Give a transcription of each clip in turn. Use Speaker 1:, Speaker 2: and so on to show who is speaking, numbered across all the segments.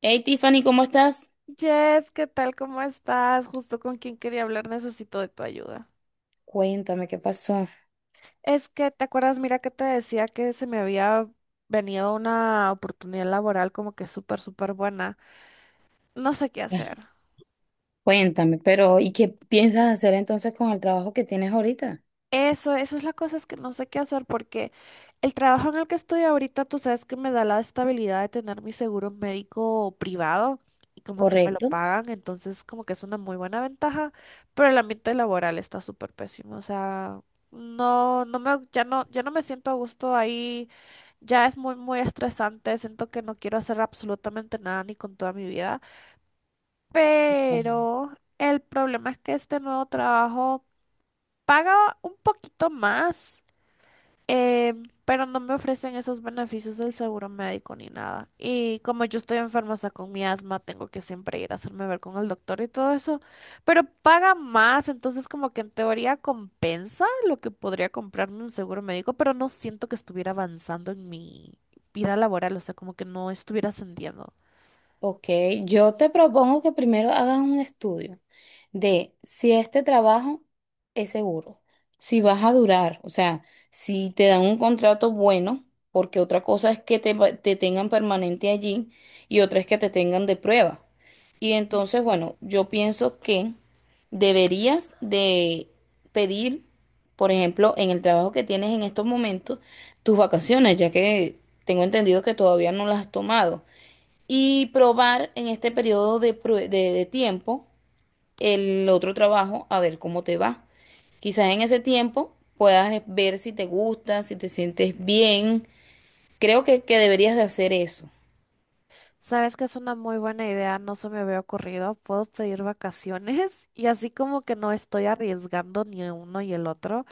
Speaker 1: Hey Tiffany, ¿cómo estás?
Speaker 2: Jess, ¿qué tal? ¿Cómo estás? Justo con quien quería hablar, necesito de tu ayuda.
Speaker 1: Cuéntame qué pasó.
Speaker 2: Es que, ¿te acuerdas? Mira que te decía que se me había venido una oportunidad laboral como que súper, súper buena. No sé qué
Speaker 1: Ah.
Speaker 2: hacer.
Speaker 1: Cuéntame, pero ¿y qué piensas hacer entonces con el trabajo que tienes ahorita?
Speaker 2: Eso es la cosa, es que no sé qué hacer porque el trabajo en el que estoy ahorita, tú sabes que me da la estabilidad de tener mi seguro médico privado y como que me lo
Speaker 1: ¿Correcto?
Speaker 2: pagan, entonces como que es una muy buena ventaja, pero el ambiente laboral está súper pésimo. O sea, no me, ya no, ya no me siento a gusto ahí, ya es muy, muy estresante, siento que no quiero hacer absolutamente nada ni con toda mi vida. Pero el problema es que este nuevo trabajo paga un poquito más, eh, pero no me ofrecen esos beneficios del seguro médico ni nada. Y como yo estoy enferma, o sea, con mi asma, tengo que siempre ir a hacerme ver con el doctor y todo eso. Pero paga más, entonces como que en teoría compensa lo que podría comprarme un seguro médico, pero no siento que estuviera avanzando en mi vida laboral, o sea, como que no estuviera ascendiendo.
Speaker 1: Ok, yo te propongo que primero hagas un estudio de si este trabajo es seguro, si vas a durar, o sea, si te dan un contrato bueno, porque otra cosa es que te, te tengan permanente allí y otra es que te tengan de prueba. Y entonces, bueno, yo pienso que deberías de pedir, por ejemplo, en el trabajo que tienes en estos momentos, tus vacaciones, ya que tengo entendido que todavía no las has tomado y probar en este periodo de, de tiempo el otro trabajo a ver cómo te va. Quizás en ese tiempo puedas ver si te gusta, si te sientes bien. Creo que deberías de hacer eso.
Speaker 2: Sabes que es una muy buena idea, no se me había ocurrido. Puedo pedir vacaciones y así como que no estoy arriesgando ni uno y el otro,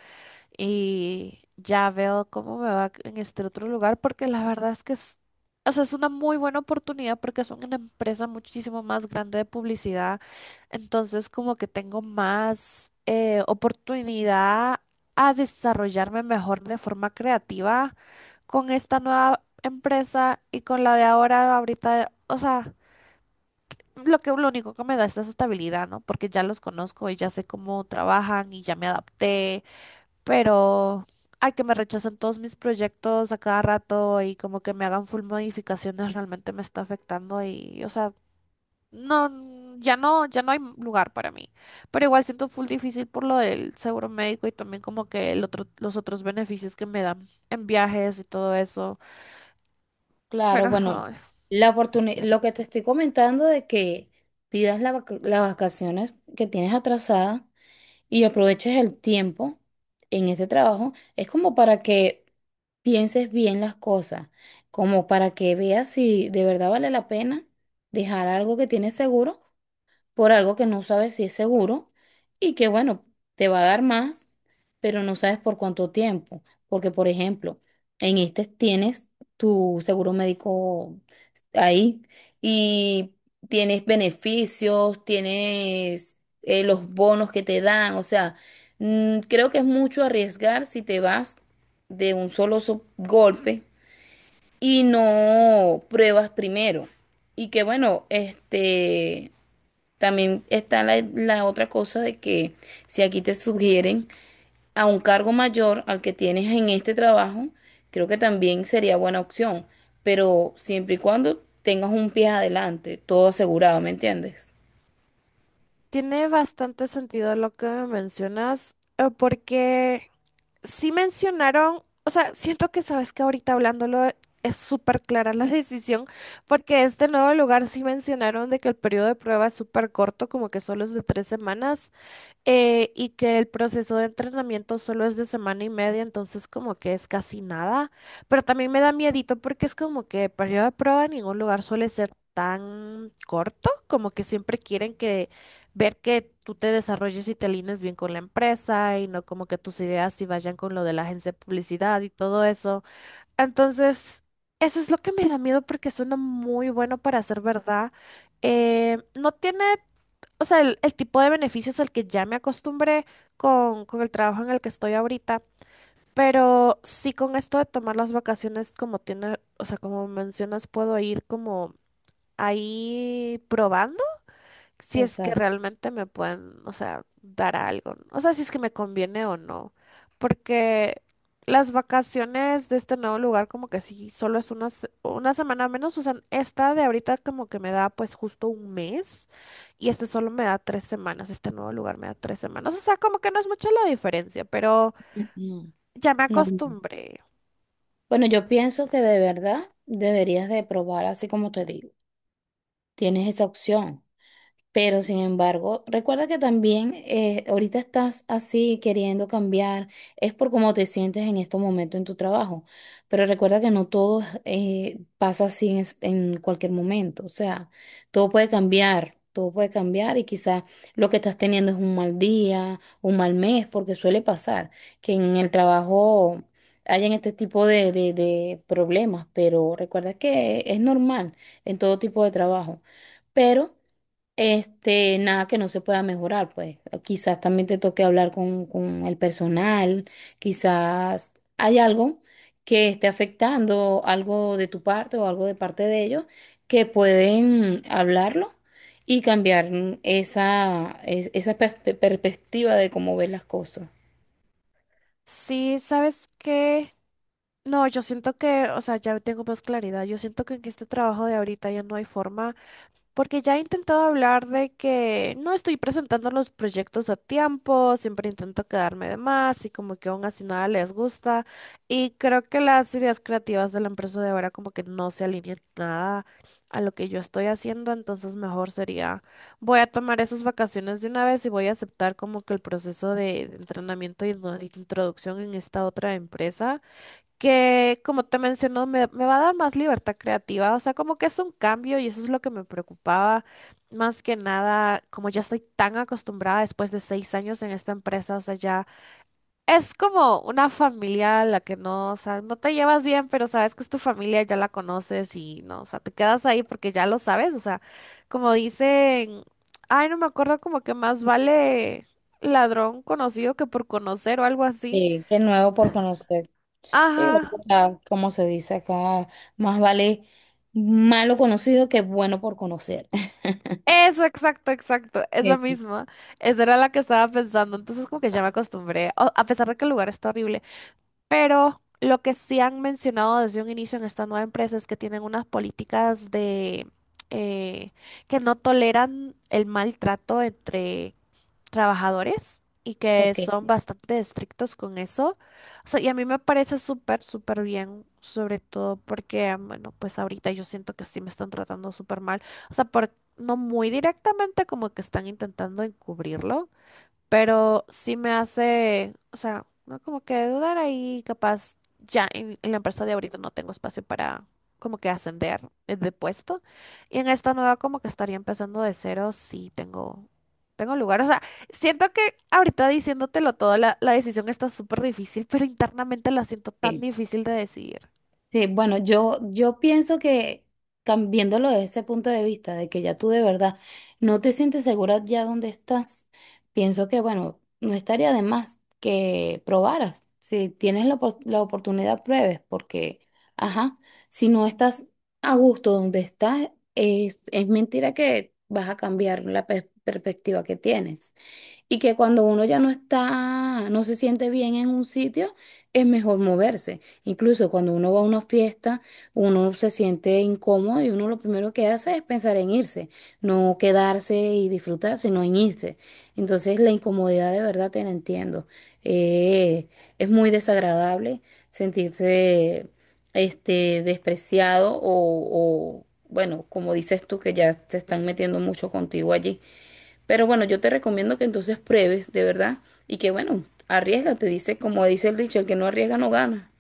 Speaker 2: y ya veo cómo me va en este otro lugar, porque la verdad es que es, o sea, es una muy buena oportunidad porque es una empresa muchísimo más grande de publicidad, entonces como que tengo más, oportunidad a desarrollarme mejor de forma creativa con esta nueva empresa y con la de ahora, ahorita, o sea... Lo que lo único que me da es esa estabilidad, ¿no? Porque ya los conozco y ya sé cómo trabajan y ya me adapté, pero ay, que me rechazan todos mis proyectos a cada rato y como que me hagan full modificaciones realmente me está afectando y, o sea, no, ya no, ya no hay lugar para mí. Pero igual siento full difícil por lo del seguro médico y también como que el otro, los otros beneficios que me dan en viajes y todo eso.
Speaker 1: Claro,
Speaker 2: Pero
Speaker 1: bueno,
Speaker 2: ay,
Speaker 1: lo que te estoy comentando de que pidas las vacaciones que tienes atrasadas y aproveches el tiempo en este trabajo, es como para que pienses bien las cosas, como para que veas si de verdad vale la pena dejar algo que tienes seguro por algo que no sabes si es seguro y que, bueno, te va a dar más, pero no sabes por cuánto tiempo. Porque, por ejemplo, en este tienes tu seguro médico ahí y tienes beneficios, tienes los bonos que te dan. O sea, creo que es mucho arriesgar si te vas de un solo golpe y no pruebas primero. Y que bueno, este, también está la otra cosa de que si aquí te sugieren a un cargo mayor al que tienes en este trabajo, creo que también sería buena opción, pero siempre y cuando tengas un pie adelante, todo asegurado, ¿me entiendes?
Speaker 2: tiene bastante sentido lo que me mencionas, porque sí mencionaron, o sea, siento que sabes que ahorita hablándolo es súper clara la decisión, porque este nuevo lugar sí mencionaron de que el periodo de prueba es súper corto, como que solo es de 3 semanas, y que el proceso de entrenamiento solo es de semana y media, entonces como que es casi nada, pero también me da miedito porque es como que el periodo de prueba en ningún lugar suele ser tan corto, como que siempre quieren que ver que tú te desarrolles y te alines bien con la empresa y no como que tus ideas sí vayan con lo de la agencia de publicidad y todo eso. Entonces, eso es lo que me da miedo porque suena muy bueno para ser verdad. No tiene, o sea, el tipo de beneficios al que ya me acostumbré con el trabajo en el que estoy ahorita, pero sí con esto de tomar las vacaciones, como tiene, o sea, como mencionas, puedo ir como ahí probando si es que
Speaker 1: Exacto.
Speaker 2: realmente me pueden, o sea, dar algo, ¿no?, o sea, si es que me conviene o no, porque las vacaciones de este nuevo lugar como que sí, solo es una semana menos, o sea, esta de ahorita como que me da pues justo un mes y este solo me da 3 semanas, este nuevo lugar me da 3 semanas, o sea, como que no es mucha la diferencia, pero
Speaker 1: No,
Speaker 2: ya me
Speaker 1: no.
Speaker 2: acostumbré.
Speaker 1: Bueno, yo pienso que de verdad deberías de probar así como te digo. Tienes esa opción. Pero sin embargo, recuerda que también ahorita estás así queriendo cambiar, es por cómo te sientes en estos momentos en tu trabajo. Pero recuerda que no todo pasa así en cualquier momento. O sea, todo puede cambiar y quizás lo que estás teniendo es un mal día, un mal mes, porque suele pasar que en el trabajo hayan este tipo de, de problemas. Pero recuerda que es normal en todo tipo de trabajo. Pero este, nada que no se pueda mejorar, pues. Quizás también te toque hablar con el personal, quizás hay algo que esté afectando algo de tu parte o algo de parte de ellos que pueden hablarlo y cambiar esa perspectiva de cómo ver las cosas.
Speaker 2: Sí, ¿sabes qué? No, yo siento que, o sea, ya tengo más claridad. Yo siento que en este trabajo de ahorita ya no hay forma, porque ya he intentado hablar de que no estoy presentando los proyectos a tiempo, siempre intento quedarme de más y como que aún así nada les gusta. Y creo que las ideas creativas de la empresa de ahora como que no se alinean nada a lo que yo estoy haciendo, entonces mejor sería, voy a tomar esas vacaciones de una vez y voy a aceptar como que el proceso de entrenamiento y introducción en esta otra empresa que, como te mencionó, me va a dar más libertad creativa. O sea, como que es un cambio y eso es lo que me preocupaba. Más que nada, como ya estoy tan acostumbrada después de 6 años en esta empresa, o sea, ya es como una familia a la que no, o sea, no te llevas bien, pero sabes que es tu familia, ya la conoces y no, o sea, te quedas ahí porque ya lo sabes, o sea, como dicen, ay, no me acuerdo, como que más vale ladrón conocido que por conocer o algo así.
Speaker 1: Sí, qué nuevo por conocer. Igual,
Speaker 2: Ajá,
Speaker 1: o sea, como se dice acá, más vale malo conocido que bueno por conocer.
Speaker 2: eso, exacto, exacto, esa
Speaker 1: Sí,
Speaker 2: misma. Esa era la que estaba pensando, entonces como que ya me acostumbré, a pesar de que el lugar está horrible, pero lo que sí han mencionado desde un inicio en esta nueva empresa es que tienen unas políticas de, eh, que no toleran el maltrato entre trabajadores y que
Speaker 1: ok.
Speaker 2: son bastante estrictos con eso. O sea, y a mí me parece súper, súper bien, sobre todo porque, bueno, pues ahorita yo siento que sí me están tratando súper mal. O sea, por, no muy directamente, como que están intentando encubrirlo, pero sí me hace, o sea, no como que dudar ahí, capaz ya en la empresa de ahorita no tengo espacio para como que ascender, de puesto, y en esta nueva como que estaría empezando de cero, sí tengo tengo lugar, o sea, siento que ahorita diciéndotelo todo la decisión está súper difícil, pero internamente la siento tan
Speaker 1: Sí.
Speaker 2: difícil de decidir.
Speaker 1: Sí, bueno, yo pienso que viéndolo desde ese punto de vista, de que ya tú de verdad no te sientes segura ya donde estás, pienso que, bueno, no estaría de más que probaras. Si tienes la oportunidad, pruebes, porque, ajá, si no estás a gusto donde estás, es mentira que vas a cambiar perspectiva que tienes. Y que cuando uno ya no está, no se siente bien en un sitio, es mejor moverse. Incluso cuando uno va a una fiesta, uno se siente incómodo y uno lo primero que hace es pensar en irse, no quedarse y disfrutar, sino en irse. Entonces la incomodidad de verdad te la entiendo. Eh, es muy desagradable sentirse este, despreciado o, bueno, como dices tú, que ya te están metiendo mucho contigo allí. Pero bueno, yo te recomiendo que entonces pruebes, de verdad, y que bueno, arriesgate, dice, como dice el dicho, el que no arriesga no gana.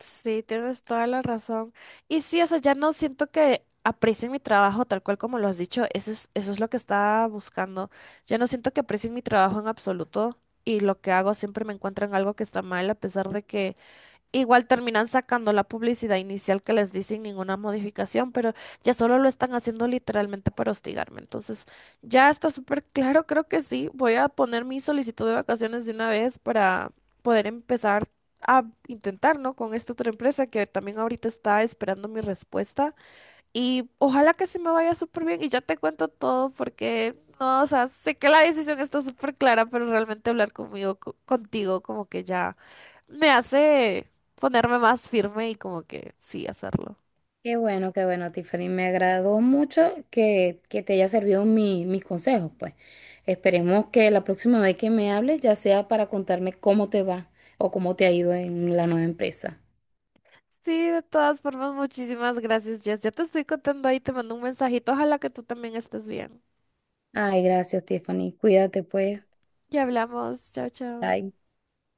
Speaker 2: Sí, tienes toda la razón. Y sí, o sea, ya no siento que aprecien mi trabajo tal cual como lo has dicho. Eso es lo que estaba buscando. Ya no siento que aprecien mi trabajo en absoluto y lo que hago siempre me encuentran algo que está mal, a pesar de que igual terminan sacando la publicidad inicial que les di sin ninguna modificación, pero ya solo lo están haciendo literalmente para hostigarme. Entonces, ya está súper claro, creo que sí. Voy a poner mi solicitud de vacaciones de una vez para poder empezar a intentar, ¿no?, con esta otra empresa que también ahorita está esperando mi respuesta. Y ojalá que se me vaya súper bien y ya te cuento todo porque, no, o sea, sé que la decisión está súper clara, pero realmente hablar conmigo, contigo, como que ya me hace ponerme más firme y como que sí, hacerlo.
Speaker 1: Qué bueno, Tiffany. Me agradó mucho que te haya servido mis consejos, pues. Esperemos que la próxima vez que me hables ya sea para contarme cómo te va o cómo te ha ido en la nueva empresa.
Speaker 2: Sí, de todas formas, muchísimas gracias, Jess. Ya te estoy contando ahí, te mando un mensajito. Ojalá que tú también estés bien.
Speaker 1: Ay, gracias, Tiffany. Cuídate, pues.
Speaker 2: Ya hablamos. Chao, chao.
Speaker 1: Bye.